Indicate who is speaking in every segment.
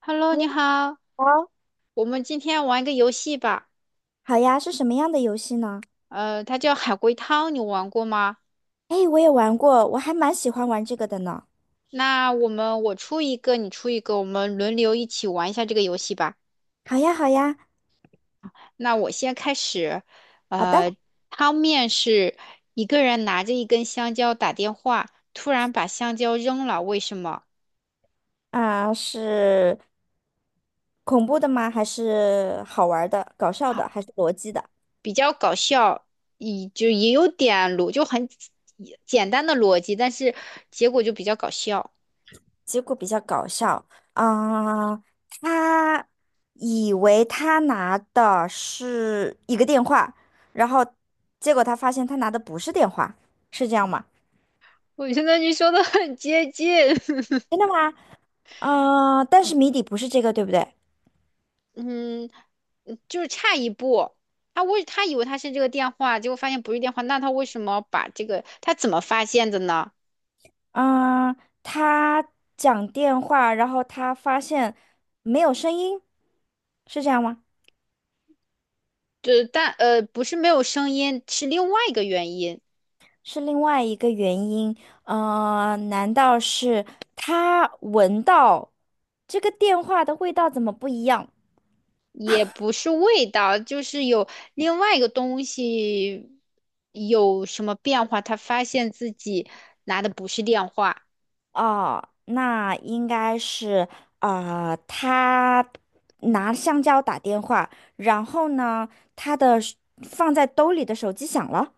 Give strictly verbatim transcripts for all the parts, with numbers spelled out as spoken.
Speaker 1: Hello，你好，
Speaker 2: 好。
Speaker 1: 我们今天玩一个游戏吧。
Speaker 2: 好呀，是什么样的游戏呢？
Speaker 1: 呃，它叫海龟汤，你玩过吗？
Speaker 2: 哎，我也玩过，我还蛮喜欢玩这个的呢。
Speaker 1: 那我们我出一个，你出一个，我们轮流一起玩一下这个游戏吧。
Speaker 2: 好呀，好呀。
Speaker 1: 那我先开始。
Speaker 2: 好的。
Speaker 1: 呃，汤面是一个人拿着一根香蕉打电话，突然把香蕉扔了，为什么？
Speaker 2: 啊、是恐怖的吗？还是好玩儿的、搞笑的，
Speaker 1: 好，
Speaker 2: 还是逻辑的？
Speaker 1: 比较搞笑，也就也有点逻，就很简简单的逻辑，但是结果就比较搞笑。
Speaker 2: 结果比较搞笑。啊、他以为他拿的是一个电话，然后结果他发现他拿的不是电话，是这样吗？
Speaker 1: 我觉得你说的很接近。
Speaker 2: 真的吗？嗯、但是谜底不是这个，对不对？
Speaker 1: 嗯，嗯就是差一步。他为他以为他是这个电话，结果发现不是电话，那他为什么把这个他怎么发现的呢？
Speaker 2: 嗯。他讲电话，然后他发现没有声音，是这样吗？
Speaker 1: 就是但呃不是没有声音，是另外一个原因，
Speaker 2: 是另外一个原因。呃，难道是他闻到这个电话的味道怎么不一样？
Speaker 1: 也不是味道，就是有另外一个东西有什么变化，他发现自己拿的不是电话。
Speaker 2: 哦，那应该是啊、呃他拿香蕉打电话，然后呢，他的手放在兜里的手机响了。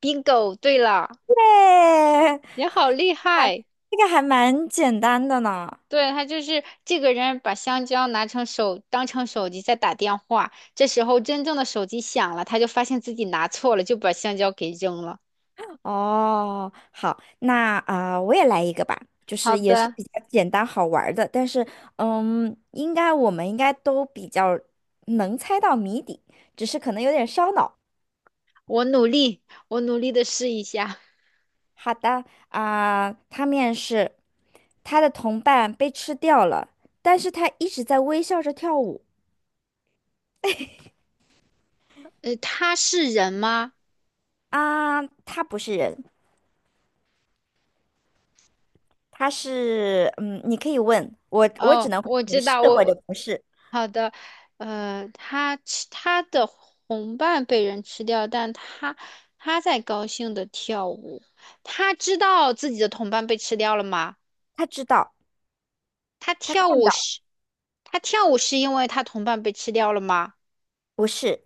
Speaker 1: bingo，对了，
Speaker 2: 哎，
Speaker 1: 你好厉害。
Speaker 2: 这个还蛮简单的呢。
Speaker 1: 对，他就是这个人把香蕉拿成手，当成手机在打电话。这时候真正的手机响了，他就发现自己拿错了，就把香蕉给扔了。
Speaker 2: 哦，好，那啊、呃我也来一个吧，就
Speaker 1: 好
Speaker 2: 是也是
Speaker 1: 的，
Speaker 2: 比较简单好玩儿的，但是嗯，应该我们应该都比较能猜到谜底，只是可能有点烧脑。
Speaker 1: 我努力，我努力的试一下。
Speaker 2: 好的。啊、他面试，他的同伴被吃掉了，但是他一直在微笑着跳舞。
Speaker 1: 呃，他是人吗？
Speaker 2: 啊，他不是人，他是嗯，你可以问我，我只
Speaker 1: 哦，
Speaker 2: 能回
Speaker 1: 我
Speaker 2: 你
Speaker 1: 知
Speaker 2: 是
Speaker 1: 道，
Speaker 2: 或者
Speaker 1: 我
Speaker 2: 不是。
Speaker 1: 好的。呃，他吃他的同伴被人吃掉，但他他在高兴的跳舞。他知道自己的同伴被吃掉了吗？
Speaker 2: 他知道，
Speaker 1: 他
Speaker 2: 他
Speaker 1: 跳
Speaker 2: 看
Speaker 1: 舞
Speaker 2: 到，
Speaker 1: 是，他跳舞是因为他同伴被吃掉了吗？
Speaker 2: 不是，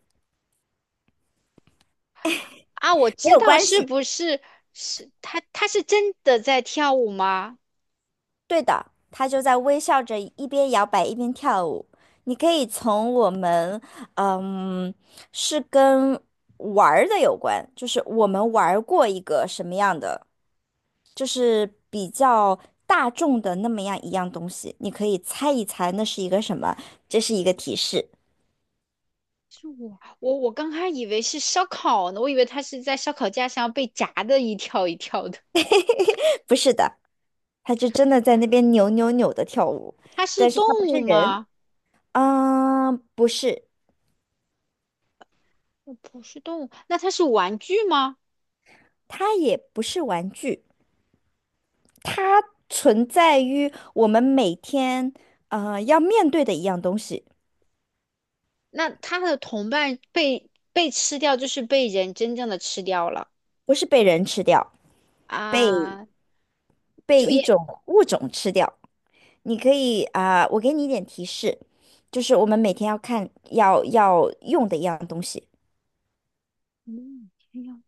Speaker 1: 啊，我
Speaker 2: 没
Speaker 1: 知
Speaker 2: 有
Speaker 1: 道，
Speaker 2: 关
Speaker 1: 是
Speaker 2: 系。
Speaker 1: 不是是他？他是真的在跳舞吗？
Speaker 2: 对的，他就在微笑着，一边摇摆一边跳舞。你可以从我们，嗯，是跟玩儿的有关，就是我们玩儿过一个什么样的，就是比较大众的那么样一样东西，你可以猜一猜那是一个什么，这是一个提示。
Speaker 1: 是我，我我刚开始以为是烧烤呢，我以为他是在烧烤架上被炸的一跳一跳的。
Speaker 2: 不是的，他就真的在那边扭扭扭的跳舞。
Speaker 1: 他是
Speaker 2: 但是
Speaker 1: 动
Speaker 2: 他不是
Speaker 1: 物
Speaker 2: 人，
Speaker 1: 吗？
Speaker 2: 嗯，不是。
Speaker 1: 呃不是动物，那他是玩具吗？
Speaker 2: 他也不是玩具。它存在于我们每天呃要面对的一样东西。
Speaker 1: 那他的同伴被被吃掉，就是被人真正的吃掉了
Speaker 2: 不是被人吃掉，被
Speaker 1: 啊，
Speaker 2: 被
Speaker 1: 就
Speaker 2: 一
Speaker 1: 也
Speaker 2: 种物种吃掉。你可以啊、我给你一点提示，就是我们每天要看要要用的一样东西。
Speaker 1: 嗯，一样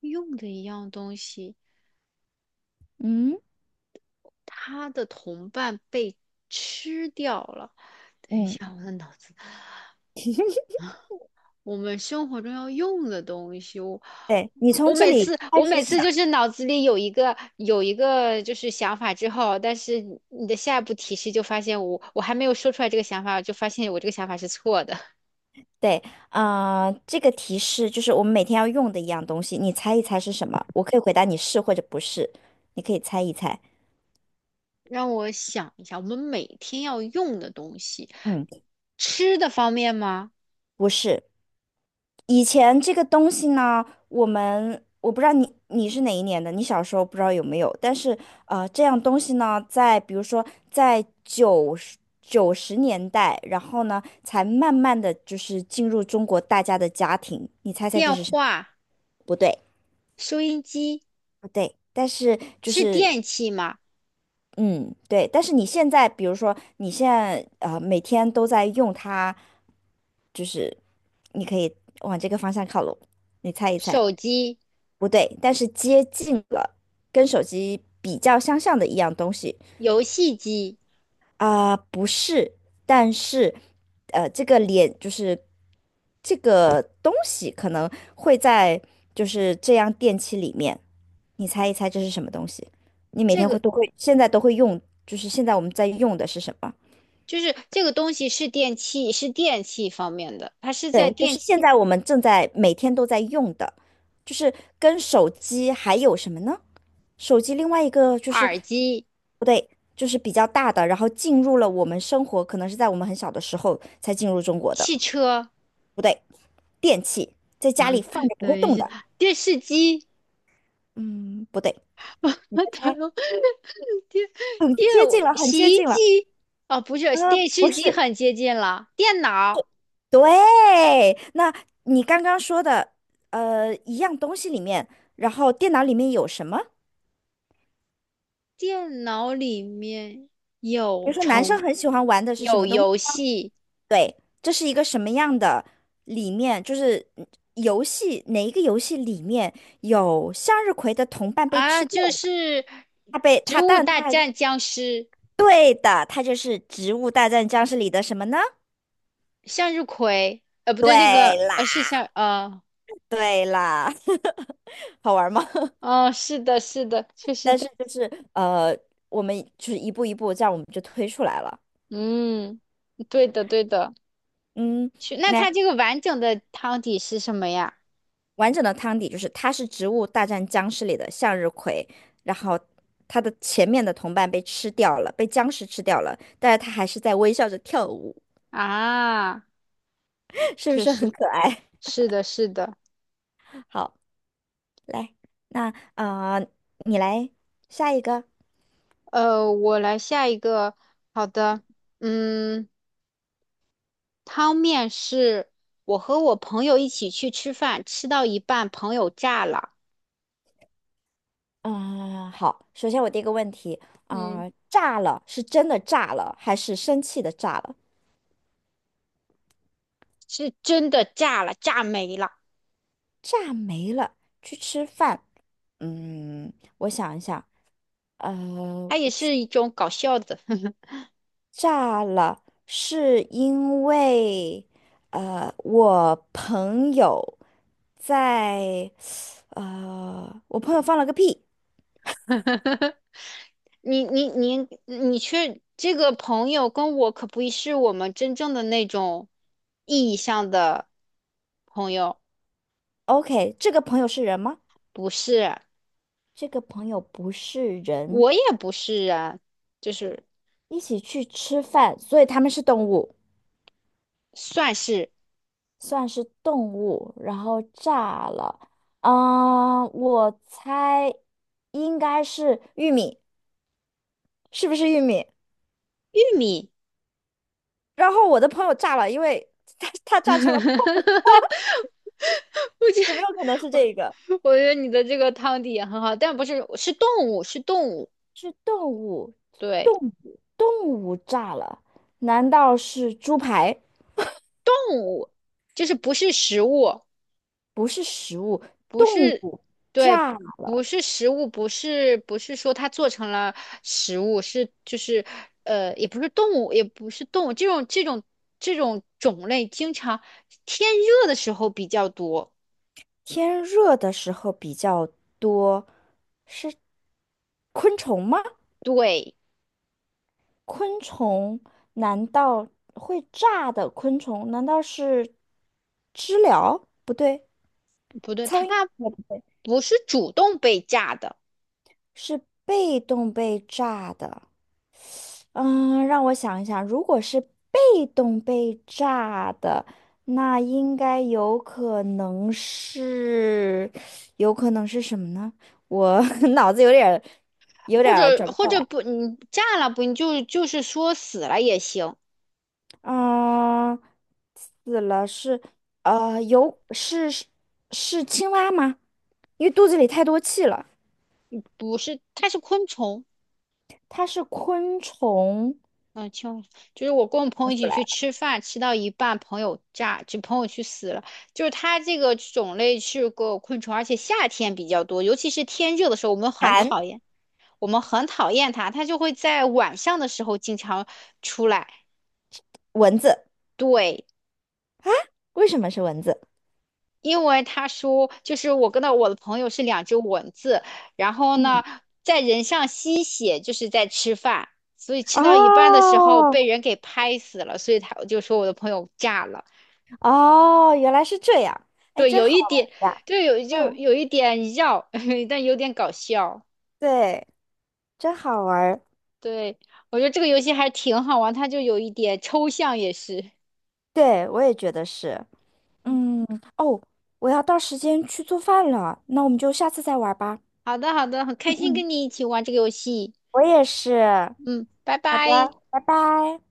Speaker 1: 用的一样东西。
Speaker 2: 嗯。
Speaker 1: 他的同伴被吃掉了。等一
Speaker 2: 嗯。
Speaker 1: 下，我的脑子，我们生活中要用的东西，我
Speaker 2: 对，你
Speaker 1: 我
Speaker 2: 从这
Speaker 1: 每
Speaker 2: 里
Speaker 1: 次
Speaker 2: 开
Speaker 1: 我
Speaker 2: 始
Speaker 1: 每次
Speaker 2: 想。
Speaker 1: 就是脑子里有一个有一个就是想法之后，但是你的下一步提示就发现我我还没有说出来这个想法，就发现我这个想法是错的。
Speaker 2: 对。啊、这个提示就是我们每天要用的一样东西，你猜一猜是什么？我可以回答你是或者不是，你可以猜一猜。
Speaker 1: 让我想一下，我们每天要用的东西，
Speaker 2: 嗯，
Speaker 1: 吃的方面吗？
Speaker 2: 不是。以前这个东西呢，我们我不知道你你是哪一年的，你小时候不知道有没有，但是呃，这样东西呢，在比如说在九十九十年代，然后呢，才慢慢的就是进入中国大家的家庭。你猜猜这
Speaker 1: 电
Speaker 2: 是什么？
Speaker 1: 话、
Speaker 2: 不对。
Speaker 1: 收音机
Speaker 2: 不对，但是就
Speaker 1: 是
Speaker 2: 是
Speaker 1: 电器吗？
Speaker 2: 嗯，对，但是你现在，比如说你现在呃每天都在用它，就是你可以往这个方向靠拢，你猜一猜。
Speaker 1: 手机、
Speaker 2: 不对，但是接近了，跟手机比较相像的一样东西。
Speaker 1: 游戏机。
Speaker 2: 啊、不是，但是，呃，这个脸就是这个东西可能会在就是这样电器里面，你猜一猜这是什么东西？你每
Speaker 1: 这
Speaker 2: 天会
Speaker 1: 个
Speaker 2: 都会现在都会用，就是现在我们在用的是什么？
Speaker 1: 就是这个东西是电器，是电器方面的，它是在
Speaker 2: 对，就
Speaker 1: 电
Speaker 2: 是
Speaker 1: 器、
Speaker 2: 现在我们正在每天都在用的，就是跟手机还有什么呢？手机另外一个就是
Speaker 1: 耳机、
Speaker 2: 不对。就是比较大的，然后进入了我们生活，可能是在我们很小的时候才进入中国的。
Speaker 1: 汽车，
Speaker 2: 不对。电器在家里放着不会
Speaker 1: 等一
Speaker 2: 动的。
Speaker 1: 下，电视机，
Speaker 2: 嗯，不对，你再
Speaker 1: 等一
Speaker 2: 猜，
Speaker 1: 下电
Speaker 2: 你
Speaker 1: 电
Speaker 2: 接近了，很接
Speaker 1: 洗衣
Speaker 2: 近了。
Speaker 1: 机，哦，不是，
Speaker 2: 啊、
Speaker 1: 电视
Speaker 2: 不
Speaker 1: 机
Speaker 2: 是，
Speaker 1: 很接近了，电脑，
Speaker 2: 对。那你刚刚说的，呃，一样东西里面，然后电脑里面有什么？
Speaker 1: 电脑里面
Speaker 2: 比如
Speaker 1: 有
Speaker 2: 说，男
Speaker 1: 虫，
Speaker 2: 生很喜欢玩的是什
Speaker 1: 有
Speaker 2: 么东西？
Speaker 1: 游戏
Speaker 2: 对，这是一个什么样的里面？就是嗯游戏哪一个游戏里面有向日葵的同伴被
Speaker 1: 啊，
Speaker 2: 吃掉
Speaker 1: 就
Speaker 2: 了？
Speaker 1: 是
Speaker 2: 他被
Speaker 1: 《植
Speaker 2: 他，
Speaker 1: 物
Speaker 2: 但
Speaker 1: 大
Speaker 2: 他
Speaker 1: 战僵尸》，
Speaker 2: 对的，他就是《植物大战僵尸》里的什么呢？
Speaker 1: 向日葵，呃，不
Speaker 2: 对
Speaker 1: 对，那个
Speaker 2: 啦，
Speaker 1: 呃是向呃。
Speaker 2: 对啦。好玩吗？
Speaker 1: 哦，是的，是的，确实
Speaker 2: 但
Speaker 1: 的，
Speaker 2: 是就是呃，我们就是一步一步，这样我们就推出来了。
Speaker 1: 嗯，对的，对的。
Speaker 2: 嗯。
Speaker 1: 去，那
Speaker 2: 那。
Speaker 1: 它这个完整的汤底是什么呀？
Speaker 2: 完整的汤底就是它是《植物大战僵尸》里的向日葵，然后它的前面的同伴被吃掉了，被僵尸吃掉了，但是它还是在微笑着跳舞。
Speaker 1: 啊，
Speaker 2: 是不
Speaker 1: 确
Speaker 2: 是
Speaker 1: 实，
Speaker 2: 很可爱？
Speaker 1: 是的，是的。
Speaker 2: 好，来，那啊、呃你来下一个。
Speaker 1: 呃，我来下一个，好的，嗯，汤面是我和我朋友一起去吃饭，吃到一半，朋友炸了，
Speaker 2: 啊，好，首先我第一个问题。啊、
Speaker 1: 嗯，
Speaker 2: 呃炸了是真的炸了，还是生气的炸了？
Speaker 1: 是真的炸了，炸没了，
Speaker 2: 炸没了，去吃饭。嗯，我想一下。呃，
Speaker 1: 它也是一种搞笑的。
Speaker 2: 炸了，是因为呃，我朋友在呃，我朋友放了个屁。
Speaker 1: 你你你你去这个朋友跟我可不是我们真正的那种意义上的朋友，
Speaker 2: OK，这个朋友是人吗？
Speaker 1: 不是，
Speaker 2: 这个朋友不是人。
Speaker 1: 我也不是啊，就是
Speaker 2: 一起去吃饭，所以他们是动物，
Speaker 1: 算是
Speaker 2: 算是动物。然后炸了。嗯、我猜应该是玉米，是不是玉米？
Speaker 1: 玉米。
Speaker 2: 然后我的朋友炸了，因为他他炸成了泡米。
Speaker 1: 我觉
Speaker 2: 有没有可能是
Speaker 1: 我
Speaker 2: 这个？
Speaker 1: 我觉得你的这个汤底也很好，但不是是动物，是动物，
Speaker 2: 是动物。
Speaker 1: 对，
Speaker 2: 动物，动物炸了？难道是猪排？
Speaker 1: 动物就是不是食物。
Speaker 2: 不是食物，
Speaker 1: 不
Speaker 2: 动
Speaker 1: 是，
Speaker 2: 物
Speaker 1: 对，
Speaker 2: 炸
Speaker 1: 不
Speaker 2: 了。
Speaker 1: 是食物，不是不是说它做成了食物，是就是呃，也不是动物，也不是动物，这种这种这种种类，经常天热的时候比较多。
Speaker 2: 天热的时候比较多，昆虫吗？
Speaker 1: 对，
Speaker 2: 昆虫难道会炸的昆虫？难道是知了？不对，
Speaker 1: 不对，
Speaker 2: 苍蝇
Speaker 1: 它
Speaker 2: 也不对，
Speaker 1: 不是主动被炸的，
Speaker 2: 是被动被炸的。嗯，让我想一想，如果是被动被炸的，那应该有可能是，有可能是什么呢？我 脑子有点儿，有
Speaker 1: 或
Speaker 2: 点儿
Speaker 1: 者
Speaker 2: 转不
Speaker 1: 或
Speaker 2: 过
Speaker 1: 者
Speaker 2: 来。
Speaker 1: 不，你炸了不，你就就是说死了也行，
Speaker 2: 嗯，死了是，呃，有是是是青蛙吗？因为肚子里太多气了。
Speaker 1: 不是，它是昆虫。
Speaker 2: 它是昆虫。
Speaker 1: 嗯，就就是我跟我朋
Speaker 2: 我
Speaker 1: 友一
Speaker 2: 出
Speaker 1: 起
Speaker 2: 来
Speaker 1: 去
Speaker 2: 了。
Speaker 1: 吃饭，吃到一半，朋友炸，就朋友去死了。就是它这个种类是个昆虫，而且夏天比较多，尤其是天热的时候，我们很
Speaker 2: 蝉。
Speaker 1: 讨厌，我们很讨厌它，它就会在晚上的时候经常出来。
Speaker 2: 蚊子。
Speaker 1: 对，
Speaker 2: 为什么是蚊子？
Speaker 1: 因为他说，就是我跟到我的朋友是两只蚊子，然后呢，
Speaker 2: 嗯。
Speaker 1: 在人上吸血，就是在吃饭，所以吃到一半的时候
Speaker 2: 哦，
Speaker 1: 被人给拍死了，所以他我就说我的朋友炸了。
Speaker 2: 哦，原来是这样。哎，
Speaker 1: 对，
Speaker 2: 真
Speaker 1: 有
Speaker 2: 好
Speaker 1: 一点，
Speaker 2: 玩呀！
Speaker 1: 就有就
Speaker 2: 嗯，
Speaker 1: 有一点绕，但有点搞笑。
Speaker 2: 对，真好玩儿。
Speaker 1: 对，我觉得这个游戏还挺好玩，它就有一点抽象也是。
Speaker 2: 对，我也觉得是。
Speaker 1: 嗯
Speaker 2: 嗯。哦，我要到时间去做饭了，那我们就下次再玩儿吧。
Speaker 1: 好的好的，很开
Speaker 2: 嗯
Speaker 1: 心
Speaker 2: 嗯，
Speaker 1: 跟你一起玩这个游戏。
Speaker 2: 我也是。
Speaker 1: 嗯，拜拜。
Speaker 2: 好的，拜拜。